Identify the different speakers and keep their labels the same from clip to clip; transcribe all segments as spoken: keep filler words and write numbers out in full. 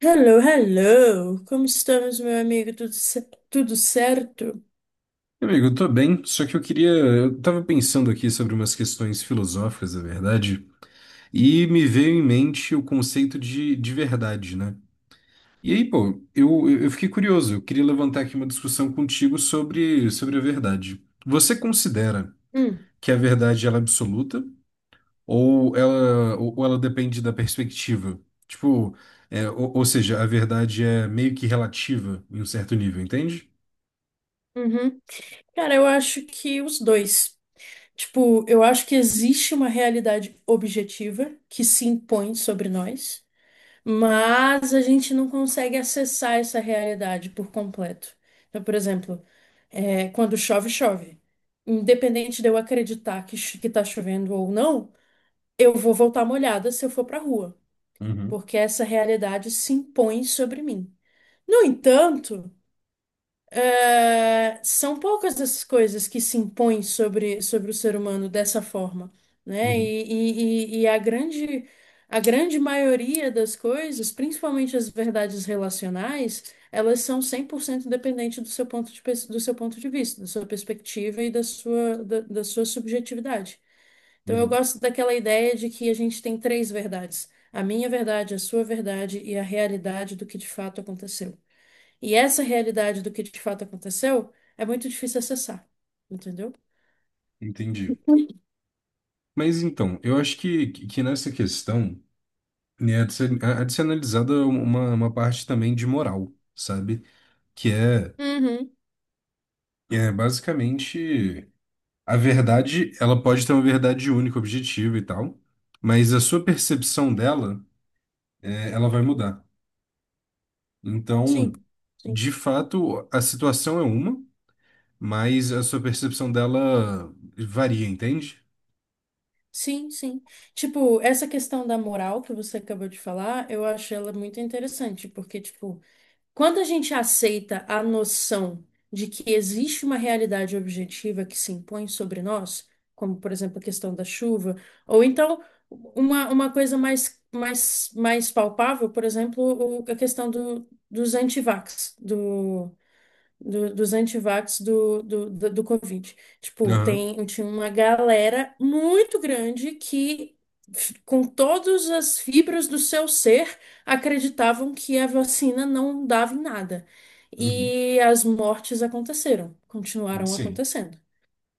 Speaker 1: Hello, hello! Como estamos, meu amigo? Tudo, ce- tudo certo?
Speaker 2: Amigo, eu tô bem, só que eu queria. Eu tava pensando aqui sobre umas questões filosóficas, na verdade, e me veio em mente o conceito de, de verdade, né? E aí, pô, eu, eu fiquei curioso, eu queria levantar aqui uma discussão contigo sobre, sobre a verdade. Você considera
Speaker 1: Hum,
Speaker 2: que a verdade ela é absoluta ou ela, ou ou ela depende da perspectiva? Tipo, é, ou, ou seja, a verdade é meio que relativa em um certo nível, entende?
Speaker 1: uhum. Cara, eu acho que os dois. Tipo, eu acho que existe uma realidade objetiva que se impõe sobre nós, mas a gente não consegue acessar essa realidade por completo. Então, por exemplo, é, quando chove, chove. Independente de eu acreditar que, cho- que tá chovendo ou não, eu vou voltar molhada se eu for pra rua,
Speaker 2: Uhum,
Speaker 1: porque essa realidade se impõe sobre mim. No entanto, eh, são poucas as coisas que se impõem sobre, sobre o ser humano dessa forma, né?
Speaker 2: uhum,
Speaker 1: E, e, e- e a grande, a grande maioria das coisas, principalmente as verdades relacionais, elas são cem por cento dependentes do seu ponto de, pers- do seu ponto de vista, da sua perspectiva e da sua, da, da sua subjetividade. Então, eu
Speaker 2: uhum.
Speaker 1: gosto daquela ideia de que a gente tem três verdades: a minha verdade, a sua verdade e a realidade do que de fato aconteceu. E essa realidade do que de fato aconteceu é muito difícil acessar, entendeu?
Speaker 2: Entendi. Mas então, eu acho que, que nessa questão né, há de ser, há de ser analisada uma, uma parte também de moral, sabe? Que é,
Speaker 1: Uhum,
Speaker 2: é basicamente a verdade, ela pode ter uma verdade única, objetiva e tal, mas a sua percepção dela, é, ela vai mudar.
Speaker 1: sim,
Speaker 2: Então,
Speaker 1: sim,
Speaker 2: de fato, a situação é uma, mas a sua percepção dela varia, entende?
Speaker 1: sim, sim. Tipo, essa questão da moral que você acabou de falar, eu acho ela muito interessante, porque, tipo, quando a gente aceita a noção de que existe uma realidade objetiva que se impõe sobre nós, como, por exemplo, a questão da chuva, ou então uma, uma coisa mais, mais, mais palpável, por exemplo, o- a questão do, dos antivax, do- dos antivax do, do, do, do Covid. Tipo,
Speaker 2: Aham.
Speaker 1: tem, tinha uma galera muito grande que, com todas as fibras do seu ser, acreditavam que a vacina não dava em nada.
Speaker 2: Uhum.
Speaker 1: E as mortes aconteceram, continuaram
Speaker 2: Sim.
Speaker 1: acontecendo.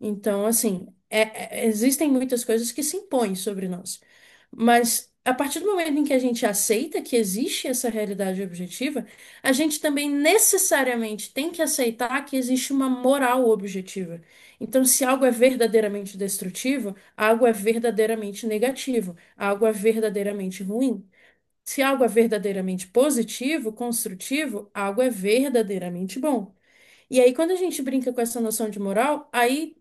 Speaker 1: Então, assim, é- é- existem muitas coisas que se impõem sobre nós. Mas a partir do momento em que a gente aceita que existe essa realidade objetiva, a gente também necessariamente tem que aceitar que existe uma moral objetiva. Então, se algo é verdadeiramente destrutivo, algo é verdadeiramente negativo, algo é verdadeiramente ruim. Se algo é verdadeiramente positivo, construtivo, algo é verdadeiramente bom. E aí, quando a gente brinca com essa noção de moral, aí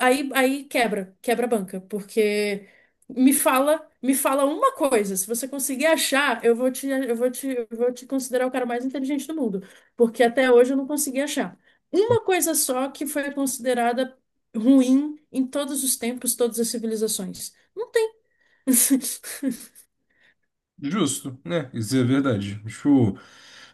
Speaker 1: Aí, aí quebra, quebra a banca, porque me fala, me fala uma coisa, se você conseguir achar, eu vou te, eu vou te, eu vou te considerar o cara mais inteligente do mundo, porque até hoje eu não consegui achar. Uma coisa só que foi considerada ruim em todos os tempos, todas as civilizações. Não tem.
Speaker 2: Justo, né? Isso é verdade. Tipo,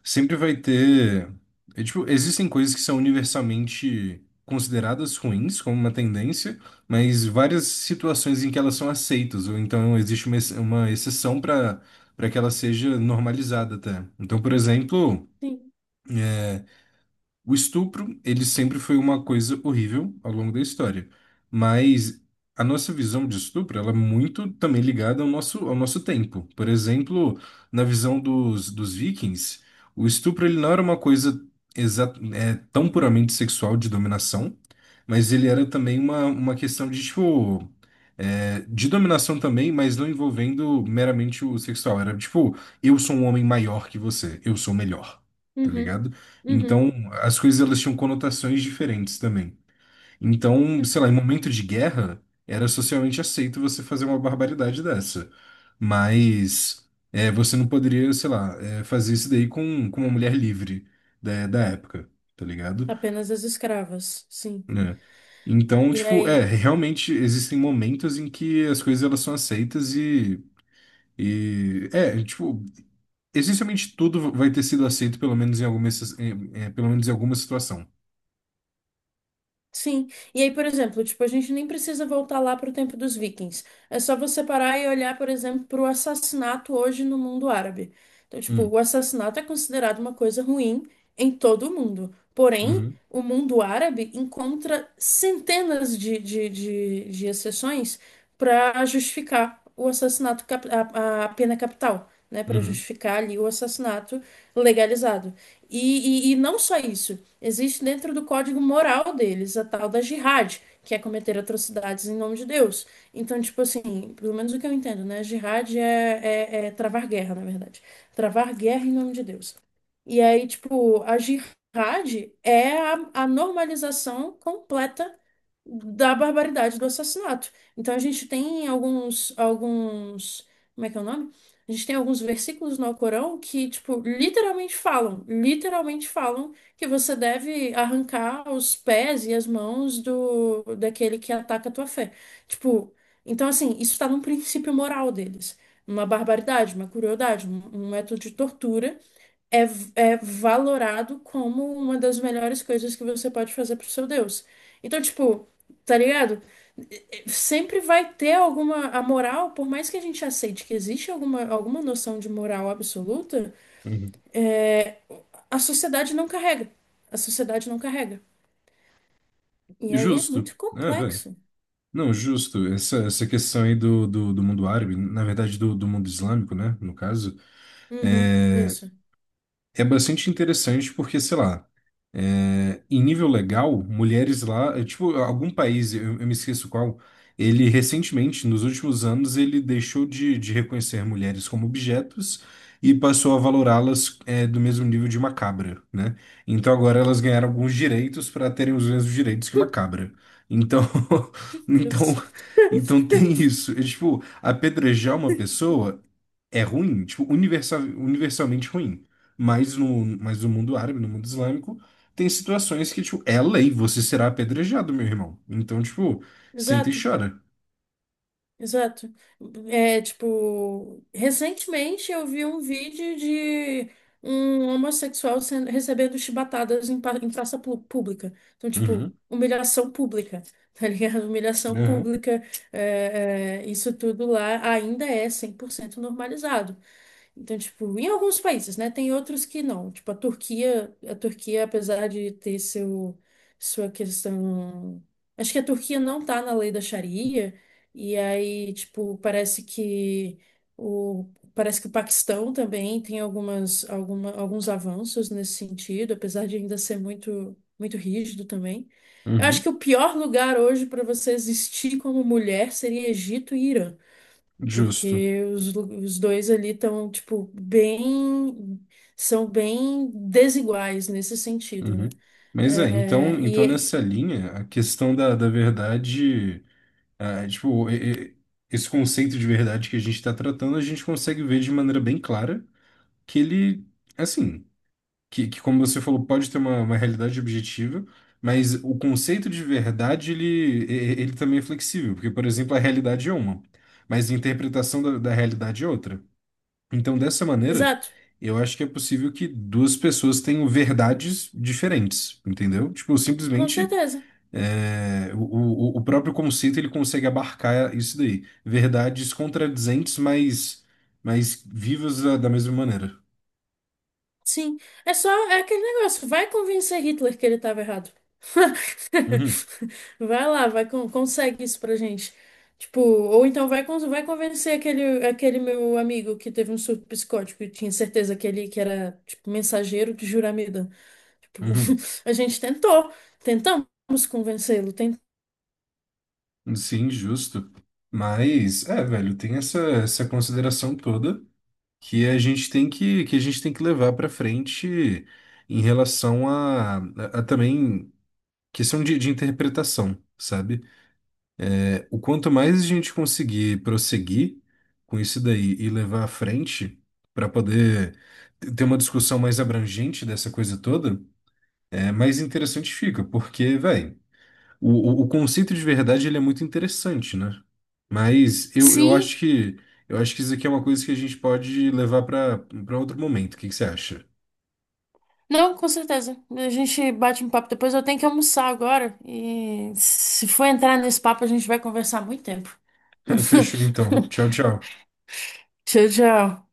Speaker 2: sempre vai ter. É, tipo, existem coisas que são universalmente consideradas ruins como uma tendência, mas várias situações em que elas são aceitas, ou então existe uma, ex- uma exceção para para que ela seja normalizada até. Então, por exemplo.
Speaker 1: Sim.
Speaker 2: O estupro, ele sempre foi uma coisa horrível ao longo da história, mas a nossa visão de estupro, ela é muito também ligada ao nosso, ao nosso tempo. Por exemplo, na visão dos, dos vikings, o estupro ele não era uma coisa exa- é, tão puramente sexual de dominação, mas ele era também uma, uma questão de, tipo, é, de dominação também, mas não envolvendo meramente o sexual. Era tipo, eu sou um homem maior que você, eu sou melhor, tá
Speaker 1: Uhum,
Speaker 2: ligado?
Speaker 1: uhum.
Speaker 2: Então, as coisas elas tinham conotações diferentes também. Então,
Speaker 1: É.
Speaker 2: sei lá, em momento de guerra, era socialmente aceito você fazer uma barbaridade dessa. Mas é, você não poderia, sei lá, é, fazer isso daí com, com uma mulher livre da, da época, tá ligado?
Speaker 1: Apenas as escravas, sim.
Speaker 2: Né? Então,
Speaker 1: E
Speaker 2: tipo, é,
Speaker 1: aí?
Speaker 2: realmente existem momentos em que as coisas elas são aceitas e, e é, tipo, essencialmente tudo vai ter sido aceito pelo menos em alguma, exce- em- em- pelo menos em alguma situação.
Speaker 1: Sim. E aí, por exemplo, tipo, a gente nem precisa voltar lá para o tempo dos vikings. É só você parar e olhar, por exemplo, para o assassinato hoje no mundo árabe. Então, tipo,
Speaker 2: Hum,
Speaker 1: o assassinato é considerado uma coisa ruim em todo o mundo. Porém,
Speaker 2: uhum.
Speaker 1: o mundo árabe encontra centenas de, de, de, de exceções para justificar o assassinato, cap- a, a pena capital, né? Para
Speaker 2: Uhum,
Speaker 1: justificar ali o assassinato legalizado. E, e, e não só isso. Existe dentro do código moral deles a tal da jihad, que é cometer atrocidades em nome de Deus. Então, tipo assim, pelo menos o que eu entendo, né? Jihad é, é, é travar guerra, na verdade. Travar guerra em nome de Deus. E aí, tipo, a jihad é a, a normalização completa da barbaridade do assassinato. Então a gente tem alguns, alguns, como é que é o nome? A gente tem alguns versículos no Alcorão que, tipo, literalmente falam, literalmente falam que você deve arrancar os pés e as mãos do daquele que ataca a tua fé. Tipo, então assim, isso está num princípio moral deles. Uma barbaridade, uma crueldade, um um método de tortura é, é valorado como uma das melhores coisas que você pode fazer pro seu Deus. Então, tipo, tá ligado? Sempre vai ter alguma. A moral, por mais que a gente aceite que existe alguma, alguma noção de moral absoluta,
Speaker 2: uhum.
Speaker 1: é, a sociedade não carrega. A sociedade não carrega. E aí é
Speaker 2: Justo.
Speaker 1: muito
Speaker 2: É, velho.
Speaker 1: complexo.
Speaker 2: Não, justo. Essa, essa questão aí do, do, do mundo árabe, na verdade do, do mundo islâmico, né? No caso,
Speaker 1: Uhum,
Speaker 2: é,
Speaker 1: isso.
Speaker 2: é bastante interessante porque, sei lá. É, em nível legal, mulheres lá, é, tipo, algum país, eu, eu me esqueço qual, ele recentemente, nos últimos anos, ele deixou de, de reconhecer mulheres como objetos e passou a valorá-las, é, do mesmo nível de uma cabra, né? Então agora elas ganharam alguns direitos para terem os mesmos direitos que uma cabra. Então,
Speaker 1: Meu
Speaker 2: então,
Speaker 1: Deus.
Speaker 2: então tem isso. É, tipo, apedrejar uma pessoa é ruim, tipo, universal, universalmente ruim. Mas no, mas no mundo árabe, no mundo islâmico, tem situações que, tipo, é lei, você será apedrejado, meu irmão. Então, tipo, senta e
Speaker 1: Exato.
Speaker 2: chora.
Speaker 1: Exato. É, tipo, recentemente eu vi um vídeo de um homossexual sendo, recebendo chibatadas em, pa- em praça pu- pública. Então, tipo,
Speaker 2: Uhum,
Speaker 1: humilhação pública, tá ligado? Humilhação
Speaker 2: aham,
Speaker 1: pública, é, é, isso tudo lá ainda é cem por cento normalizado. Então, tipo, em alguns países, né? Tem outros que não. Tipo, a Turquia, a Turquia, apesar de ter seu, sua questão. Acho que a Turquia não tá na lei da Sharia, e aí, tipo, parece que o, parece que o Paquistão também tem algumas, alguma, alguns avanços nesse sentido, apesar de ainda ser muito, muito rígido também. Eu acho
Speaker 2: uhum,
Speaker 1: que o pior lugar hoje para você existir como mulher seria Egito e Irã.
Speaker 2: justo.
Speaker 1: Porque os, lu- os dois ali estão, tipo, bem. São bem desiguais nesse sentido, né?
Speaker 2: Uhum. Mas é, então,
Speaker 1: É,
Speaker 2: então
Speaker 1: e,
Speaker 2: nessa linha, a questão da, da verdade, ah, tipo, e- e- esse conceito de verdade que a gente está tratando, a gente consegue ver de maneira bem clara que ele, assim. Que, que, como você falou, pode ter uma, uma realidade objetiva, mas o conceito de verdade, ele, e- ele também é flexível, porque, por exemplo, a realidade é uma, mas a interpretação da, da realidade é outra. Então, dessa maneira,
Speaker 1: exato,
Speaker 2: eu acho que é possível que duas pessoas tenham verdades diferentes, entendeu? Tipo,
Speaker 1: com
Speaker 2: simplesmente,
Speaker 1: certeza.
Speaker 2: é, o, o, o próprio conceito, ele consegue abarcar isso daí. Verdades contradizentes, mas, mas vivas da, da mesma maneira.
Speaker 1: Sim. É só é aquele negócio. Vai convencer Hitler que ele estava errado.
Speaker 2: Uhum,
Speaker 1: Vai lá, vai, con- consegue isso pra gente. Tipo, ou então vai, con- vai convencer aquele, aquele meu amigo que teve um surto psicótico e tinha certeza que ele que era, tipo, mensageiro de juramento. Tipo,
Speaker 2: uhum.
Speaker 1: a gente tentou, tentamos convencê-lo, tentamos.
Speaker 2: Sim, justo. Mas, é, velho, tem essa, essa consideração toda que a gente tem que, que a gente tem que levar para frente em relação a, a, a também questão de, de interpretação, sabe? É, o quanto mais a gente conseguir prosseguir com isso daí e levar à frente para poder ter uma discussão mais abrangente dessa coisa toda, é mais interessante fica, porque, velho. O, o, o conceito de verdade ele é muito interessante, né? Mas eu, eu
Speaker 1: Sim,
Speaker 2: acho que eu acho que isso aqui é uma coisa que a gente pode levar para para outro momento. O que que você acha?
Speaker 1: não, com certeza. A gente bate um papo depois. Eu tenho que almoçar agora. E se for entrar nesse papo, a gente vai conversar muito tempo.
Speaker 2: Fechou então. Tchau, tchau.
Speaker 1: Tchau, tchau.